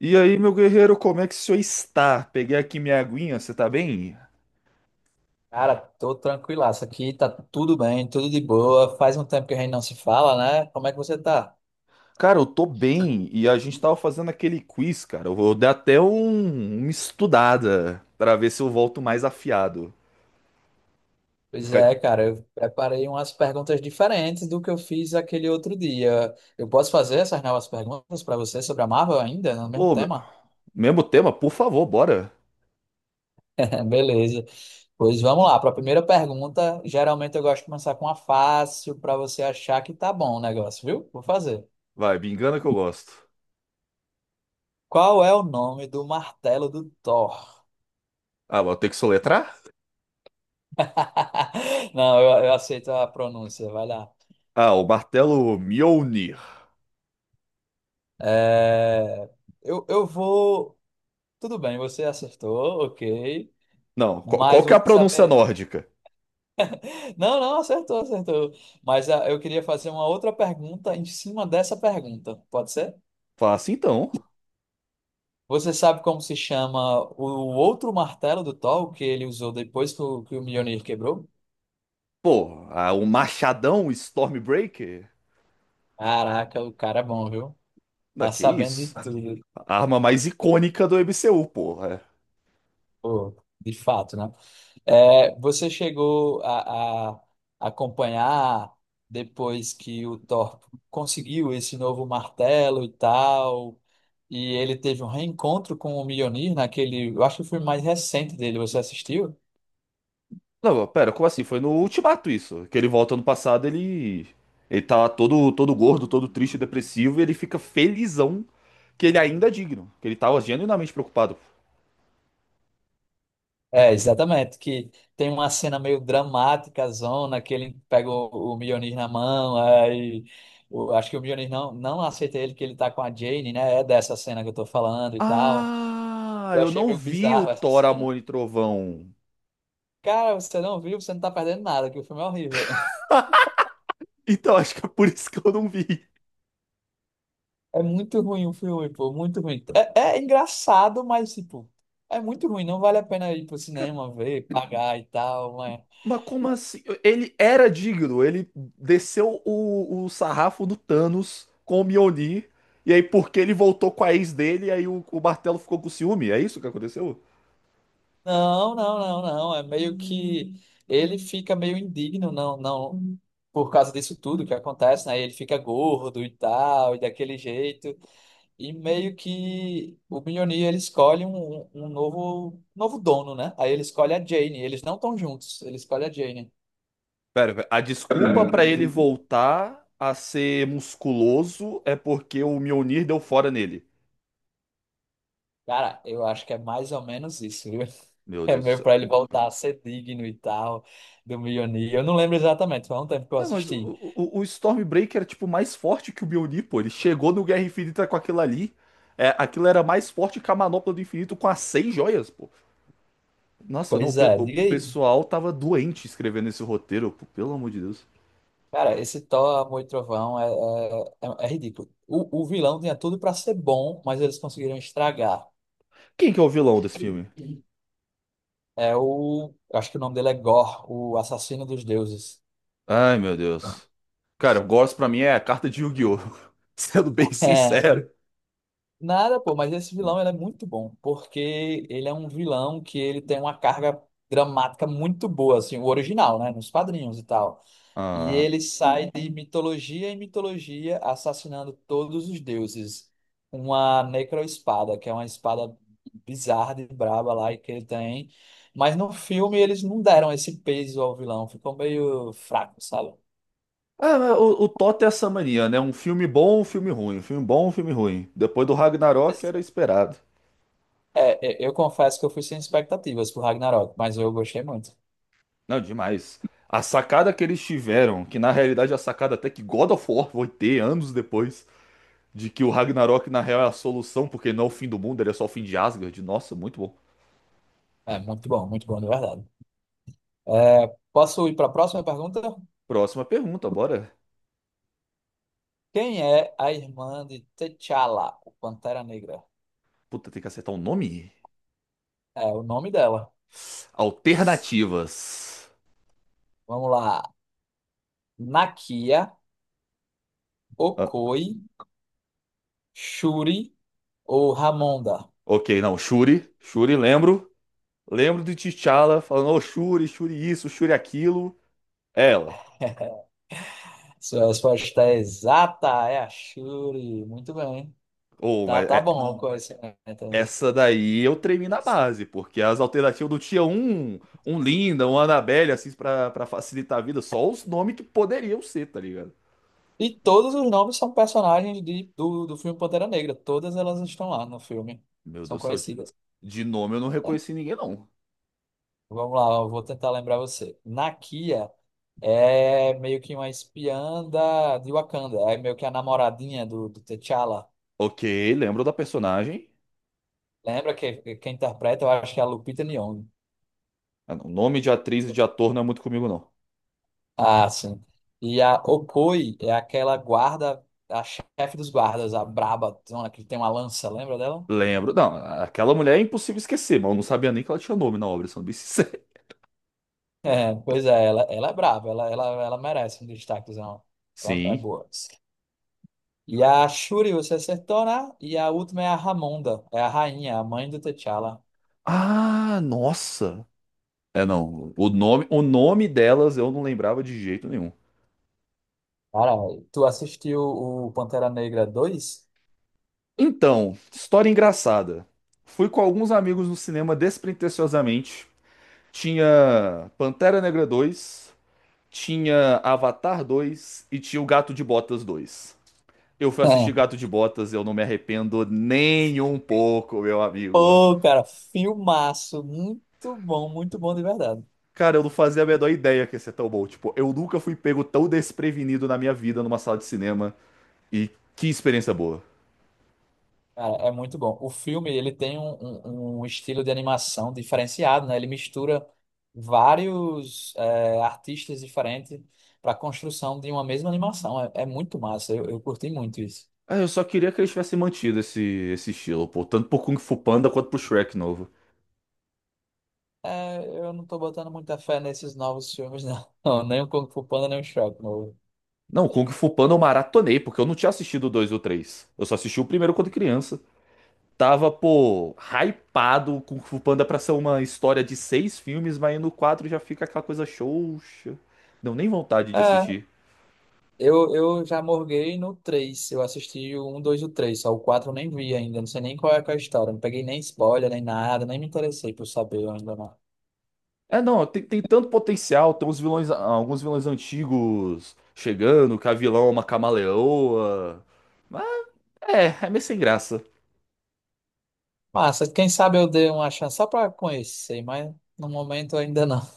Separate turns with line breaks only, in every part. E aí, meu guerreiro, como é que o senhor está? Peguei aqui minha aguinha, você tá bem?
Cara, tô tranquilaço aqui, tá tudo bem, tudo de boa. Faz um tempo que a gente não se fala, né? Como é que você tá?
Cara, eu tô bem e a gente tava fazendo aquele quiz, cara. Eu vou dar até uma estudada pra ver se eu volto mais afiado.
Pois
Ca-
é, cara, eu preparei umas perguntas diferentes do que eu fiz aquele outro dia. Eu posso fazer essas novas perguntas para você sobre a Marvel ainda, no mesmo
Ô, meu-
tema?
mesmo tema, por favor, bora.
Beleza. Pois vamos lá, para a primeira pergunta, geralmente eu gosto de começar com uma fácil para você achar que tá bom o negócio, viu? Vou fazer.
Vai, me engana que eu gosto.
Qual é o nome do martelo do Thor?
Ah, vou ter que soletrar?
Não, eu aceito a pronúncia, vai lá.
Ah, o martelo Mjolnir.
É, eu vou. Tudo bem, você acertou, ok.
Não, qual
Mas
que é a
você
pronúncia
saberia.
nórdica?
Não, não, acertou, acertou. Mas eu queria fazer uma outra pergunta em cima dessa pergunta, pode ser?
Fala assim então.
Você sabe como se chama o outro martelo do Thor que ele usou depois que o Mjolnir quebrou?
Pô, ah, o machadão Stormbreaker?
Caraca, o cara é bom, viu?
Da
Tá
que
sabendo de
isso?
tudo.
A arma mais icônica do MCU, porra. É.
Pô, de fato, né? É, você chegou a acompanhar depois que o Thor conseguiu esse novo martelo e tal, e ele teve um reencontro com o Mjolnir naquele, eu acho que foi o mais recente dele, você assistiu?
Não, pera, como assim? Foi no Ultimato isso. Que ele volta no passado, ele. Ele tá lá todo gordo, todo triste e depressivo, e ele fica felizão que ele ainda é digno. Que ele tava genuinamente preocupado.
É, exatamente, que tem uma cena meio dramática, zona, que ele pega o Mjolnir na mão, aí acho que o Mjolnir não, não aceita ele que ele tá com a Jane, né? É dessa cena que eu tô falando e tal.
Ah,
Eu
eu
achei
não
meio
vi o
bizarro essa
Thor,
cena.
Amor e Trovão.
Cara, você não viu, você não tá perdendo nada, que o filme é horrível.
Então acho que é por isso que eu não vi.
É muito ruim o filme, pô, muito ruim. É, é engraçado, mas, tipo, é muito ruim. Não vale a pena ir pro cinema ver, pagar e tal, mas...
Mas como assim? Ele era digno, ele desceu o sarrafo do Thanos com o Mjolnir, e aí porque ele voltou com a ex dele, e aí o martelo ficou com ciúme, é isso que aconteceu?
Não, não, não, não. É meio que... Ele fica meio indigno, não, não... Por causa disso tudo que acontece, né? Ele fica gordo e tal, e daquele jeito. E meio que o Mjolnir, ele escolhe um novo, novo dono, né? Aí ele escolhe a Jane. Eles não estão juntos, ele escolhe a Jane.
Pera, a desculpa pra ele voltar a ser musculoso é porque o Mjolnir deu fora nele.
Cara, eu acho que é mais ou menos isso, viu?
Meu
É
Deus do
meio
céu.
pra ele voltar a ser digno e tal, do Mjolnir. Eu não lembro exatamente, foi há um tempo que eu
Ué, mas o,
assisti.
o, o Stormbreaker era tipo mais forte que o Mjolnir, pô, ele chegou no Guerra Infinita com aquilo ali, é, aquilo era mais forte que a Manopla do Infinito com as seis joias, pô. Nossa, não,
Pois é,
o
diga aí.
pessoal tava doente escrevendo esse roteiro, pô, pelo amor de Deus.
Cara, esse Thor, Amor e Trovão é, é, é ridículo. O vilão tinha tudo pra ser bom, mas eles conseguiram estragar.
Quem que é o vilão desse filme?
É o. Eu acho que o nome dele é Gore, o assassino dos deuses.
Ai, meu Deus. Cara, o Gorse pra mim é a carta de Yu-Gi-Oh! Sendo bem sincero.
Nada, pô, mas esse vilão ele é muito bom, porque ele é um vilão que ele tem uma carga dramática muito boa, assim, o original, né, nos quadrinhos e tal. E
Ah,
ele sai de mitologia em mitologia assassinando todos os deuses. Uma necroespada, que é uma espada bizarra de braba lá que ele tem. Mas no filme eles não deram esse peso ao vilão, ficou meio fraco, sabe?
ah, mas o Toto é essa mania, né? Um filme bom, um filme ruim. Um filme bom, um filme ruim. Depois do Ragnarok era esperado.
É, é, eu confesso que eu fui sem expectativas pro Ragnarok, mas eu gostei muito.
Não, demais. A sacada que eles tiveram, que na realidade é a sacada até que God of War vai ter anos depois, de que o Ragnarok na real é a solução, porque não é o fim do mundo, ele é só o fim de Asgard. Nossa, muito bom.
É, muito bom, de verdade. É, posso ir para a próxima pergunta?
Próxima pergunta, bora.
Quem é a irmã de T'Challa, o Pantera Negra?
Puta, tem que acertar um nome?
É o nome dela.
Alternativas.
Vamos lá. Nakia,
Ah,
Okoi, Shuri ou Ramonda?
ok, não. Shuri. Shuri, lembro. Lembro de T'Challa falando, ô Shuri, Shuri isso, Shuri aquilo. Ela.
Sua resposta é exata, é a Shuri. Muito bem.
Ou,
Tá,
mas
tá
é-
bom o conhecimento. Né?
essa daí eu tremi na base, porque as alternativas do tinha um, um Linda, um Annabelle, assim, pra facilitar a vida, só os nomes que poderiam ser, tá ligado?
E todos os nomes são personagens do filme Pantera Negra. Todas elas estão lá no filme.
Meu
São
Deus do céu. De
conhecidas.
de nome eu não reconheci ninguém, não.
Vamos lá, eu vou tentar lembrar você. Nakia é meio que uma espiã da, de Wakanda, é meio que a namoradinha do T'Challa.
Ok, lembro da personagem.
Lembra que quem interpreta, eu acho que é a Lupita Nyong'o.
O nome de atriz e de ator não é muito comigo, não.
Ah, sim. E a Okoye é aquela guarda, a chefe dos guardas, a braba, zona que tem uma lança, lembra dela?
Lembro. Não, aquela mulher é impossível esquecer, mas eu não sabia nem que ela tinha nome na obra, sendo bem sincero.
É, pois é, ela é brava, ela merece um destaquezão. Ela é
Sim.
boa. E a Shuri você acertou, né? E a última é a Ramonda, é a rainha, a mãe do T'Challa.
Ah, nossa. É, não. O nome delas eu não lembrava de jeito nenhum.
Cara, tu assistiu o Pantera Negra 2?
Então, história engraçada. Fui com alguns amigos no cinema despretensiosamente. Tinha Pantera Negra 2, tinha Avatar 2 e tinha O Gato de Botas 2. Eu fui assistir
É.
Gato de Botas, eu não me arrependo nem um pouco, meu amigo.
Pô, cara, filmaço. Muito bom de verdade.
Cara, eu não fazia a menor ideia que ia ser tão bom. Tipo, eu nunca fui pego tão desprevenido na minha vida numa sala de cinema. E que experiência boa.
Cara, é muito bom. O filme, ele tem um, um estilo de animação diferenciado, né? Ele mistura vários é, artistas diferentes para a construção de uma mesma animação. É, é muito massa. Eu curti muito isso.
Ah, eu só queria que eles tivessem mantido esse estilo, pô. Tanto pro Kung Fu Panda quanto pro Shrek novo.
É, eu não tô botando muita fé nesses novos filmes, não. Não, nem o Kung Fu Panda, nem o Shrek novo.
Não, Kung Fu Panda eu maratonei, porque eu não tinha assistido o 2 ou o 3. Eu só assisti o primeiro quando criança. Tava, pô, hypado com Fu Panda pra ser uma história de seis filmes, mas aí no quatro já fica aquela coisa xoxa. Deu nem vontade de assistir.
Eu já morguei no 3. Eu assisti o 1, 2 e o 3. Só o 4 eu nem vi ainda. Não sei nem qual é que é a história. Não peguei nem spoiler, nem nada. Nem me interessei por saber ainda não.
É, não, tem tanto potencial, tem uns vilões, ah, alguns vilões antigos chegando, que a vilã é uma camaleoa. Mas é meio sem graça.
Massa, quem sabe eu dei uma chance só pra conhecer, mas no momento ainda não.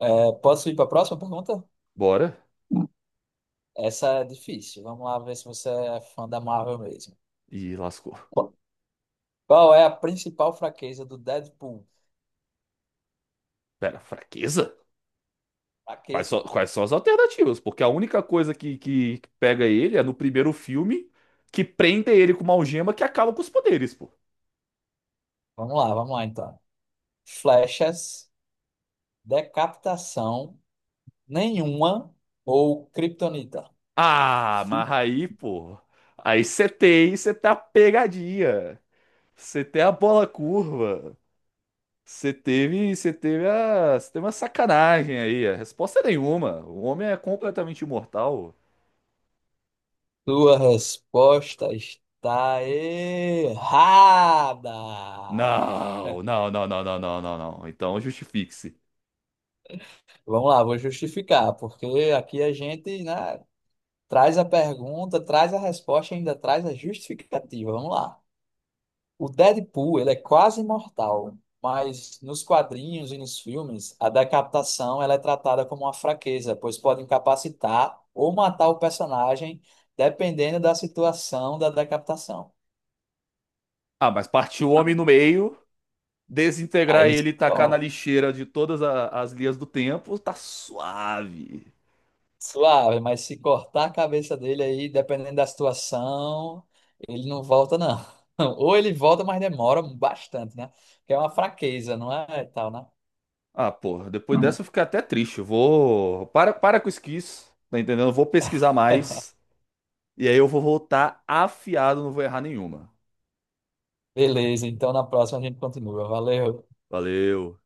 É, posso ir pra próxima pergunta?
Bora.
Essa é difícil. Vamos lá ver se você é fã da Marvel mesmo.
E lascou.
Qu- Qual é a principal fraqueza do Deadpool?
Pera, fraqueza?
Fraqueza.
Quais são as alternativas? Porque a única coisa que que pega ele é no primeiro filme que prende ele com uma algema que acaba com os poderes, pô.
Vamos lá então. Flechas, decapitação, nenhuma ou Kryptonita?
Ah, mas aí, pô. Aí você tem, você tá pegadinha. Você tem a bola curva. Você teve uma sacanagem aí. A resposta é nenhuma. O homem é completamente imortal.
Sua resposta está errada.
Não. Então justifique-se.
Vamos lá, vou justificar, porque aqui a gente, né, traz a pergunta, traz a resposta, e ainda traz a justificativa. Vamos lá. O Deadpool, ele é quase imortal, mas nos quadrinhos e nos filmes, a decapitação ela é tratada como uma fraqueza, pois pode incapacitar ou matar o personagem, dependendo da situação da decapitação.
Ah, mas partir o homem no meio,
Aí
desintegrar
eles
ele e tacar na
falam,
lixeira de as linhas do tempo, tá suave.
suave, mas se cortar a cabeça dele aí, dependendo da situação, ele não volta, não. Ou ele volta, mas demora bastante, né? Que é uma fraqueza, não é? Tal, né?
Ah, porra, depois dessa eu fiquei até triste. Eu vou. Para com isso, que isso, tá entendendo? Eu vou pesquisar mais. E aí eu vou voltar afiado, não vou errar nenhuma.
Beleza, então na próxima a gente continua. Valeu.
Valeu.